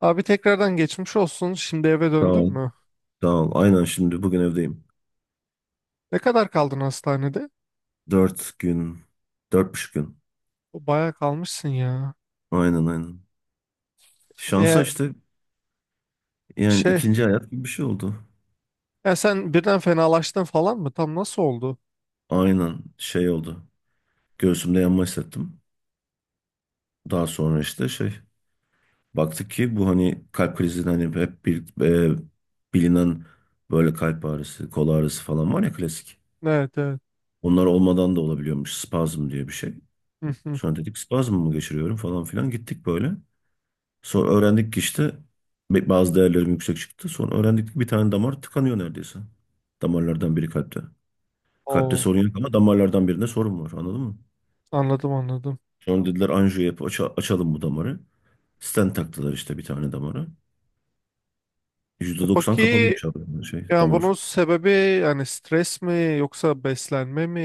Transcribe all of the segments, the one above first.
Abi tekrardan geçmiş olsun. Şimdi eve döndün Tamam. mü? Tamam. Aynen, şimdi bugün evdeyim. Ne kadar kaldın hastanede? Dört gün. Dört buçuk gün. O bayağı kalmışsın ya. Aynen aynen. Şansa E işte, yani şey, ikinci hayat gibi bir şey oldu. ya sen birden fenalaştın falan mı? Tam nasıl oldu? Aynen, şey oldu. Göğsümde yanma hissettim. Daha sonra işte şey, baktık ki bu hani kalp krizinin hani hep bir, e, bilinen böyle kalp ağrısı, kol ağrısı falan var ya, klasik. Evet, evet. Onlar olmadan da olabiliyormuş, spazm diye bir şey. Hı hı. Sonra dedik spazm mı geçiriyorum falan filan, gittik böyle. Sonra öğrendik ki işte bazı değerlerim yüksek çıktı. Sonra öğrendik ki bir tane damar tıkanıyor neredeyse. Damarlardan biri kalpte. Kalpte Oo, sorun yok ama damarlardan birinde sorun var, anladın mı? anladım, anladım. Sonra dediler anjiyo yap, açalım bu damarı. Stent taktılar işte bir tane damara. E Yüzde doksan peki kapalıymış abi, yani şey, yani damar. bunun Hmm. sebebi, yani stres mi yoksa beslenme mi?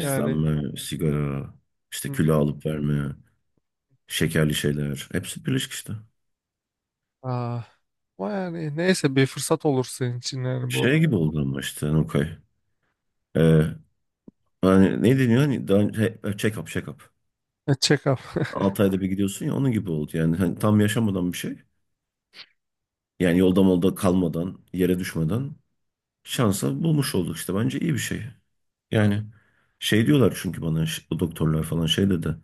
Yani, sigara, işte kilo hmm, alıp verme, şekerli şeyler. Hepsi birleşik işte. ah. Ama yani neyse, bir fırsat olur senin için yani bu Şey gibi oldu ama işte Nukay. Ee, hani ne deniyor? Hani daha, check up, check up. Check-up. 6 ayda bir gidiyorsun ya, onun gibi oldu. Yani hani tam yaşamadan bir şey. Yani yolda molda kalmadan, yere düşmeden şansa bulmuş olduk işte. Bence iyi bir şey. Yani şey diyorlar çünkü bana, o doktorlar falan şey dedi.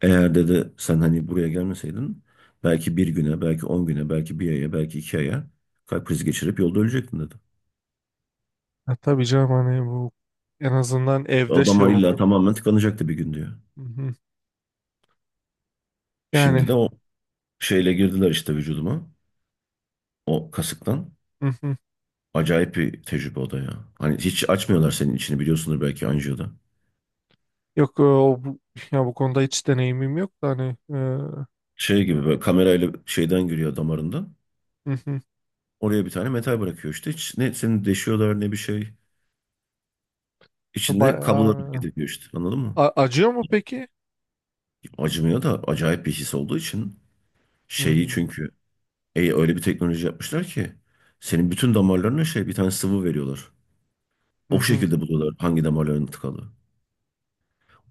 Eğer dedi sen hani buraya gelmeseydin belki bir güne, belki 10 güne, belki bir aya, belki iki aya kalp krizi geçirip yolda ölecektin dedi. Ya tabii canım, hani bu en azından evde şey Adamlar illa oldu. tamamen tıkanacaktı bir gün diyor. Hı hı. Şimdi Yani. de o şeyle girdiler işte vücuduma. O kasıktan. Hı hı. Acayip bir tecrübe o da ya. Hani hiç açmıyorlar senin içini, biliyorsundur belki anjiyoda. Yok, ya bu konuda hiç deneyimim yok da hani hı Şey gibi, böyle kamerayla şeyden giriyor damarında. hı. Oraya bir tane metal bırakıyor işte. Hiç ne seni deşiyorlar ne bir şey. İçinde kablolar Bayağı- gidiyor işte, anladın mı? Acıyor mu peki? Acımıyor da acayip bir his olduğu için şeyi, Hmm. çünkü öyle bir teknoloji yapmışlar ki senin bütün damarlarına şey, bir tane sıvı veriyorlar. Hı O hı. şekilde buluyorlar hangi damarların tıkalı.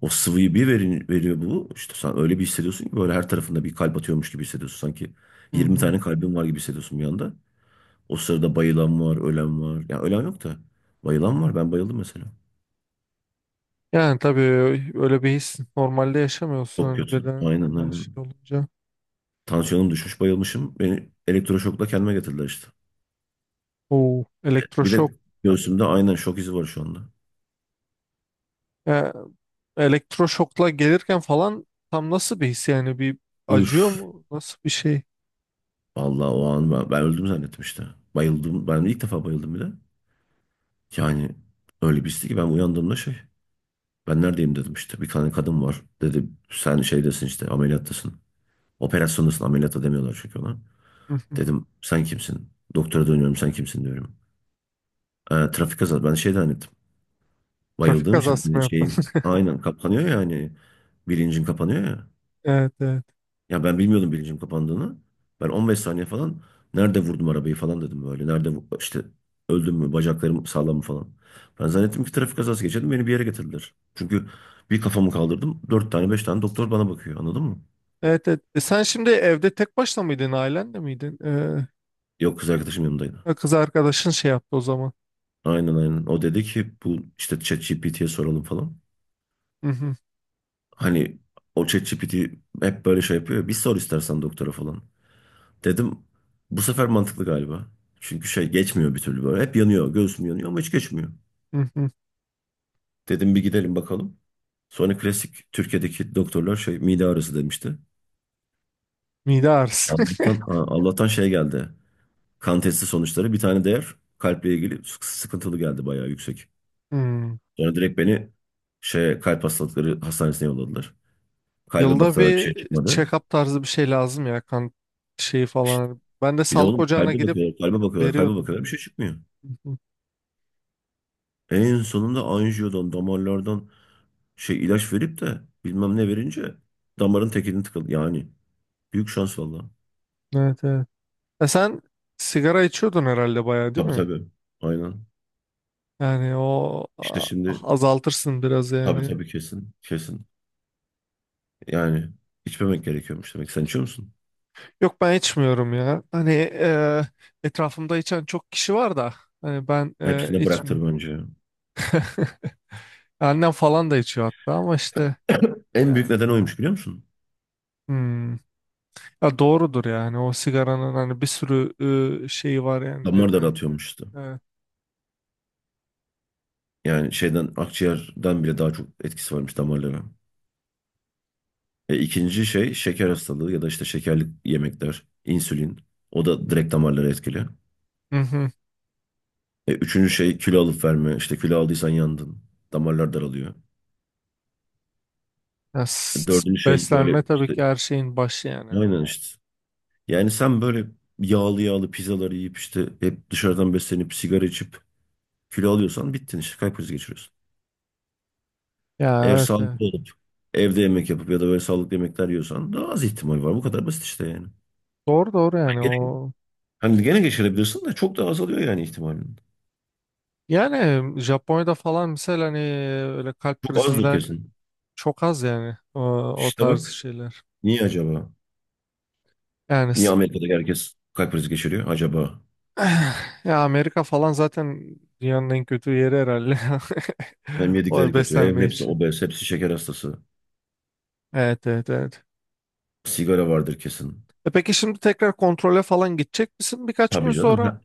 O sıvıyı bir verin, veriyor bu. İşte sen öyle bir hissediyorsun ki, böyle her tarafında bir kalp atıyormuş gibi hissediyorsun. Sanki Hı 20 hı. tane kalbin var gibi hissediyorsun bir anda. O sırada bayılan var, ölen var. Ya ölen yok da bayılan var. Ben bayıldım mesela. Yani tabii öyle bir his normalde yaşamıyorsun Çok hani kötü. birden, Aynen aynen. şey olunca. Tansiyonum düşmüş, bayılmışım. Beni elektroşokla kendime getirdiler işte. O Bir elektroşok. de göğsümde aynen şok izi var şu anda. Ya, elektroşokla gelirken falan tam nasıl bir his, yani bir, acıyor Üf. mu? Nasıl bir şey? Vallahi o an ben öldüm zannettim işte. Bayıldım. Ben ilk defa bayıldım bir de. Yani öyle bir histi ki ben uyandığımda şey. Ben neredeyim dedim işte. Bir tane kadın var. Dedi sen şeydesin işte, ameliyattasın. Operasyondasın, ameliyatta demiyorlar çünkü ona. Hı hı. Dedim sen kimsin? Doktora dönüyorum, sen kimsin diyorum. Trafik kazası. Ben şey zannettim. Trafik Bayıldığım için kazası mı hani şey, yaptın? aynen kapanıyor ya hani, bilincin kapanıyor ya. Evet, evet. Ya ben bilmiyordum bilincim kapandığını. Ben 15 saniye falan nerede vurdum arabayı falan dedim böyle. İşte öldüm mü, bacaklarım sağlam mı falan. Ben zannettim ki trafik kazası geçirdim, beni bir yere getirdiler. Çünkü bir kafamı kaldırdım, dört tane beş tane doktor bana bakıyor, anladın mı? Evet, evet. Sen şimdi evde tek başına mıydın, ailenle miydin? Yok, kız arkadaşım yanındaydı. Ha, kız arkadaşın şey yaptı o zaman. Aynen aynen, o dedi ki bu işte ChatGPT'ye soralım falan. Hı hı, Hani o ChatGPT hep böyle şey yapıyor ya, bir sor istersen doktora falan. Dedim bu sefer mantıklı galiba. Çünkü şey geçmiyor bir türlü böyle. Hep yanıyor. Göğsüm yanıyor ama hiç geçmiyor. hı hı. Dedim bir gidelim bakalım. Sonra klasik Türkiye'deki doktorlar şey mide ağrısı demişti. Mide ağrısı. Allah'tan, ha, Allah'tan şey geldi. Kan testi sonuçları bir tane değer kalple ilgili sıkıntılı geldi, bayağı yüksek. Hmm. Sonra direkt beni şey kalp hastalıkları hastanesine yolladılar. Kalbe Yılda baktılar, bir bir şey çıkmadı. check-up tarzı bir şey lazım ya, kan şeyi İşte falan. Ben de bir de sağlık oğlum ocağına kalbe gidip bakıyorlar, kalbe bakıyorlar, kalbe veriyordum bakıyorlar, bir yani. şey çıkmıyor. Hı hı. En sonunda anjiyodan, damarlardan şey ilaç verip de bilmem ne verince damarın tekini tıkadı. Yani büyük şans valla. Evet, evet. Sen sigara içiyordun herhalde, bayağı, değil Tabii mi? tabii. Aynen. Yani o İşte şimdi azaltırsın biraz tabii yani. tabii, kesin kesin. Yani içmemek gerekiyormuş demek. Sen içiyor musun? Yok, ben içmiyorum ya. Hani, etrafımda içen çok kişi var da hani ben Hepsini bıraktır içmiyorum. bence. Annem falan da içiyor hatta, ama işte En büyük yani. neden oymuş, biliyor musun? Hmm. Ya doğrudur yani, o sigaranın hani bir sürü şeyi var yani, Damar neden. daraltıyormuş işte. Evet. Yani şeyden, akciğerden bile daha çok etkisi varmış damarlara. İkinci şey şeker hastalığı ya da işte şekerli yemekler, insülin. O da direkt damarları etkili. Hı hı. Üçüncü şey kilo alıp verme. İşte kilo aldıysan yandın. Damarlar daralıyor. Ya, Dördüncü şey böyle beslenme tabii işte, ki her şeyin başı yani. aynen işte. Yani sen böyle yağlı yağlı pizzalar yiyip işte hep dışarıdan beslenip sigara içip kilo alıyorsan bittin işte, kalp krizi geçiriyorsun. Ya Eğer evet, evet. sağlıklı olup evde yemek yapıp ya da böyle sağlıklı yemekler yiyorsan daha az ihtimal var. Bu kadar basit işte yani. Doğru, doğru Hani yani, gene, o hani gene geçirebilirsin de çok daha azalıyor yani ihtimalin. yani Japonya'da falan mesela hani öyle kalp Çok azdır krizinden kesin. çok az yani, o İşte tarz bak, şeyler. niye acaba? Yani Niye Amerika'da herkes kalp krizi geçiriyor acaba? ya Amerika falan zaten dünyanın en kötü yeri herhalde, Hem yedikleri o kötü, hem beslenme hepsi için. obez, hepsi şeker hastası. Evet, evet, evet. Sigara vardır kesin. Peki şimdi tekrar kontrole falan gidecek misin birkaç gün Tabii sonra? canım.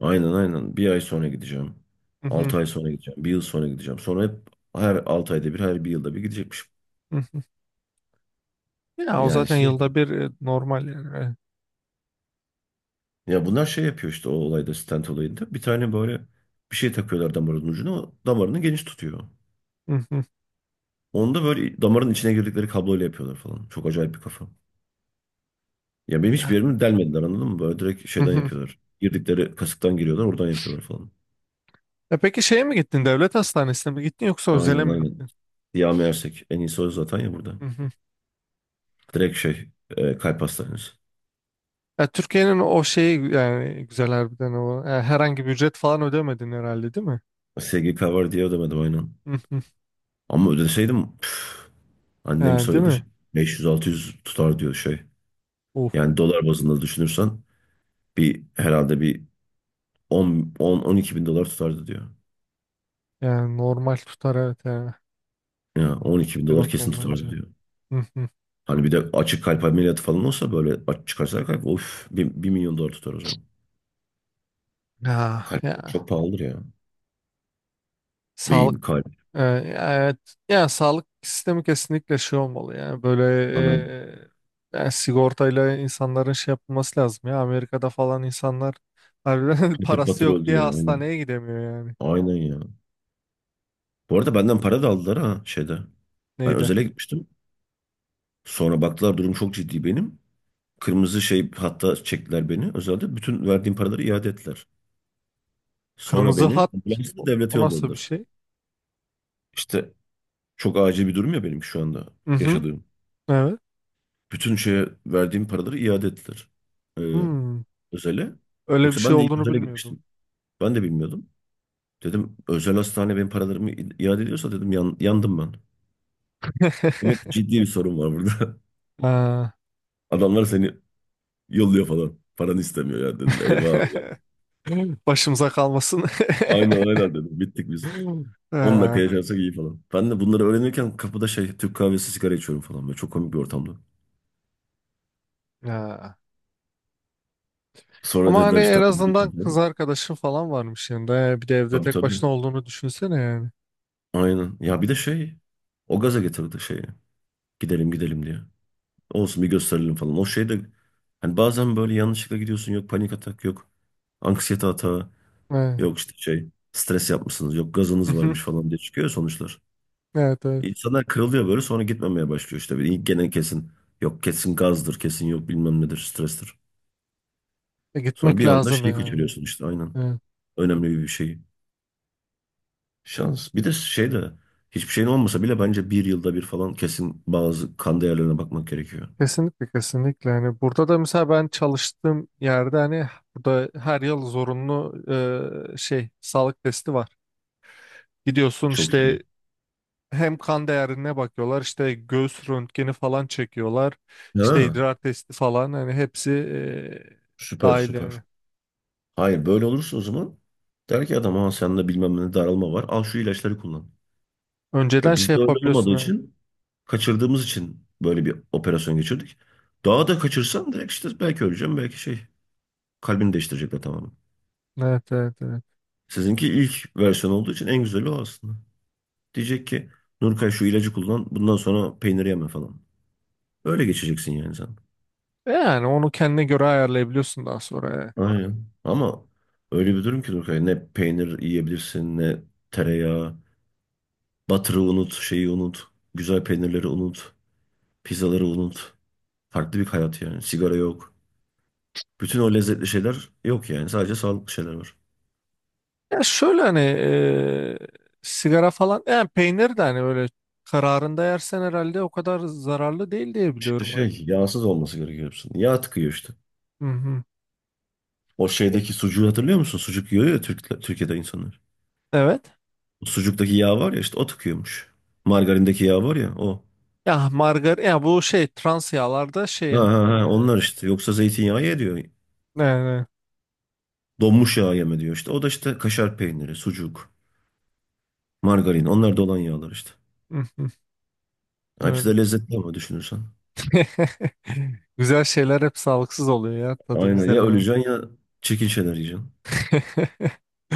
Aynen aynen. Bir ay sonra gideceğim. Hı hı, Altı ay sonra gideceğim. Bir yıl sonra gideceğim. Sonra hep her altı ayda bir, her bir yılda bir gidecekmişim. hı hı. Ya o Yani zaten şey, yılda bir, normal yani. Evet. ya bunlar şey yapıyor işte o olayda, stent olayında. Bir tane böyle bir şey takıyorlar damarın ucuna. O damarını geniş tutuyor. Hı hı, Onda böyle damarın içine girdikleri kabloyla yapıyorlar falan. Çok acayip bir kafa. Ya benim hiçbir yerimi delmediler, anladın mı? Böyle direkt hı şeyden hı. yapıyorlar. Girdikleri kasıktan giriyorlar, oradan yapıyorlar falan. Peki şeye mi gittin? Devlet hastanesine mi gittin yoksa özele Aynen mi aynen. gittin? Siyah Ersek. En iyisi o zaten ya burada. Hı hı. Direkt şey, kalp hastanesi. Ya Türkiye'nin o şeyi yani, güzel harbiden o. Herhangi bir ücret falan ödemedin herhalde, değil mi? SG cover diye ödemedim, aynen. Hı hı. Ama ödeseydim püf, annem Yani, değil söyledi. mi? 500-600 tutar diyor şey. Of. Yani dolar bazında düşünürsen bir, herhalde bir 10, 10 12 bin dolar tutardı diyor. Yani normal tutar, evet yani. Ya 12 bin dolar Sigorta kesin tutardı olmayınca. diyor. Hı hı. Hani bir de açık kalp ameliyatı falan olsa, böyle aç çıkarsa kalp, of, bir milyon dolar tutar o zaman. Ya, Kalp ya. çok pahalıdır ya. Beyin, Sağlık. kalp. Ee, Evet, yani sağlık sistemi kesinlikle şey olmalı yani böyle, Aynen. Yani sigortayla insanların şey yapılması lazım ya, Amerika'da falan insanlar harbiden Patır parası patır yok öldü diye ya, aynen. hastaneye gidemiyor yani. Aynen ya. Bu arada benden para da aldılar ha, şeyde. Ben Neydi, özele gitmiştim. Sonra baktılar durum çok ciddi benim. Kırmızı şey hatta çektiler beni özelde. Bütün verdiğim paraları iade ettiler. Sonra kırmızı beni hat, ambulansla o, devlete o nasıl bir yolladılar. şey? İşte çok acil bir durum ya benim şu anda Hı hı, yaşadığım. evet. Bütün şeye verdiğim paraları iade ettiler. Ee, Hmm, özele. öyle bir Yoksa şey ben de ilk olduğunu özele bilmiyordum. gitmiştim. Ben de bilmiyordum. Dedim özel hastane benim paralarımı iade ediyorsa dedim, yandım ben. Demek ki ciddi bir sorun var burada. Ha. Adamlar seni yolluyor falan. Paranı istemiyor ya dedim. Eyvah. Ya. Başımıza kalmasın. Aynen aynen dedim. Bittik biz. 10 dakika Ha, yaşarsak iyi falan. Ben de bunları öğrenirken kapıda şey Türk kahvesi, sigara içiyorum falan. Böyle çok komik bir ortamda. ha. Sonra Ama hani dediler işte en hadi gidelim azından falan. kız arkadaşın falan varmış yanında. Bir de evde Tabii tek tabii. başına olduğunu düşünsene yani. Aynen. Ya bir de şey, o gaza getirdi şeyi. Gidelim gidelim diye. Olsun bir gösterelim falan. O şey de hani bazen böyle yanlışlıkla gidiyorsun. Yok panik atak yok. Anksiyete atağı Evet. yok işte şey stres yapmışsınız yok gazınız Mhm. varmış falan diye çıkıyor sonuçlar. Evet, evet. İnsanlar kırılıyor böyle, sonra gitmemeye başlıyor işte. Gene kesin yok, kesin gazdır, kesin yok bilmem nedir, strestir. Sonra Gitmek bir anda lazım şeyi yani. kaçırıyorsun işte, aynen. Evet. Önemli bir şey. Şans. Bir de şey de hiçbir şeyin olmasa bile bence bir yılda bir falan kesin bazı kan değerlerine bakmak gerekiyor. Kesinlikle, kesinlikle. Hani burada da mesela ben çalıştığım yerde hani, burada her yıl zorunlu şey sağlık testi var. Gidiyorsun Çok iyi. işte, hem kan değerine bakıyorlar, işte göğüs röntgeni falan çekiyorlar. İşte Ha, idrar testi falan, hani hepsi süper dahil süper. yani. Hayır böyle olursa o zaman der ki adam ha sende bilmem ne daralma var al şu ilaçları kullan. Önceden şey Bizde öyle yapabiliyorsun. olmadığı Evet. için kaçırdığımız için böyle bir operasyon geçirdik. Daha da kaçırsam direkt işte belki öleceğim belki şey kalbini değiştirecekler tamamen. Evet, evet, evet. Sizinki ilk versiyon olduğu için en güzeli o aslında. Diyecek ki Nurkay şu ilacı kullan bundan sonra, peynir yeme falan. Öyle geçeceksin yani sen. Yani onu kendine göre ayarlayabiliyorsun daha sonra. Yani. Aynen. Ama öyle bir durum ki Nurkay ne peynir yiyebilirsin ne tereyağı. Butter'ı unut, şeyi unut. Güzel peynirleri unut. Pizzaları unut. Farklı bir hayat yani. Sigara yok. Bütün o lezzetli şeyler yok yani. Sadece sağlıklı şeyler var. Ya şöyle, hani sigara falan yani, peynir de hani böyle kararında yersen herhalde o kadar zararlı değil diye İşte biliyorum hani. şey yağsız olması gerekiyor hepsinin. Yağ tıkıyor işte. Hı hı. O şeydeki sucuğu hatırlıyor musun? Sucuk yiyor ya Türk, Türkiye'de insanlar. Evet. Sucuktaki yağ var ya işte o tıkıyormuş. Margarindeki yağ var ya o. Ya margarin ya bu şey, trans yağlarda şey, Ha ha ha onlar işte. Yoksa zeytinyağı ye diyor. ne ne. Donmuş yağ yeme diyor işte. O da işte kaşar peyniri, sucuk, margarin. Onlar da olan yağlar işte. Hı hı. Ya hepsi de Öyle. lezzetli ama düşünürsen. Güzel şeyler hep sağlıksız oluyor ya, tadı Aynen güzel ya, olan. öleceksin ya çirkin şeyler yiyeceksin.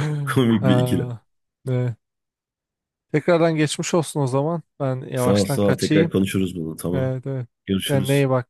Komik bir ikilem. Aa, evet. Tekrardan geçmiş olsun o zaman. Ben Sağ ol yavaştan sağ ol. Tekrar kaçayım. konuşuruz bunu, tamam. Evet, evet. Yani Görüşürüz. neye bak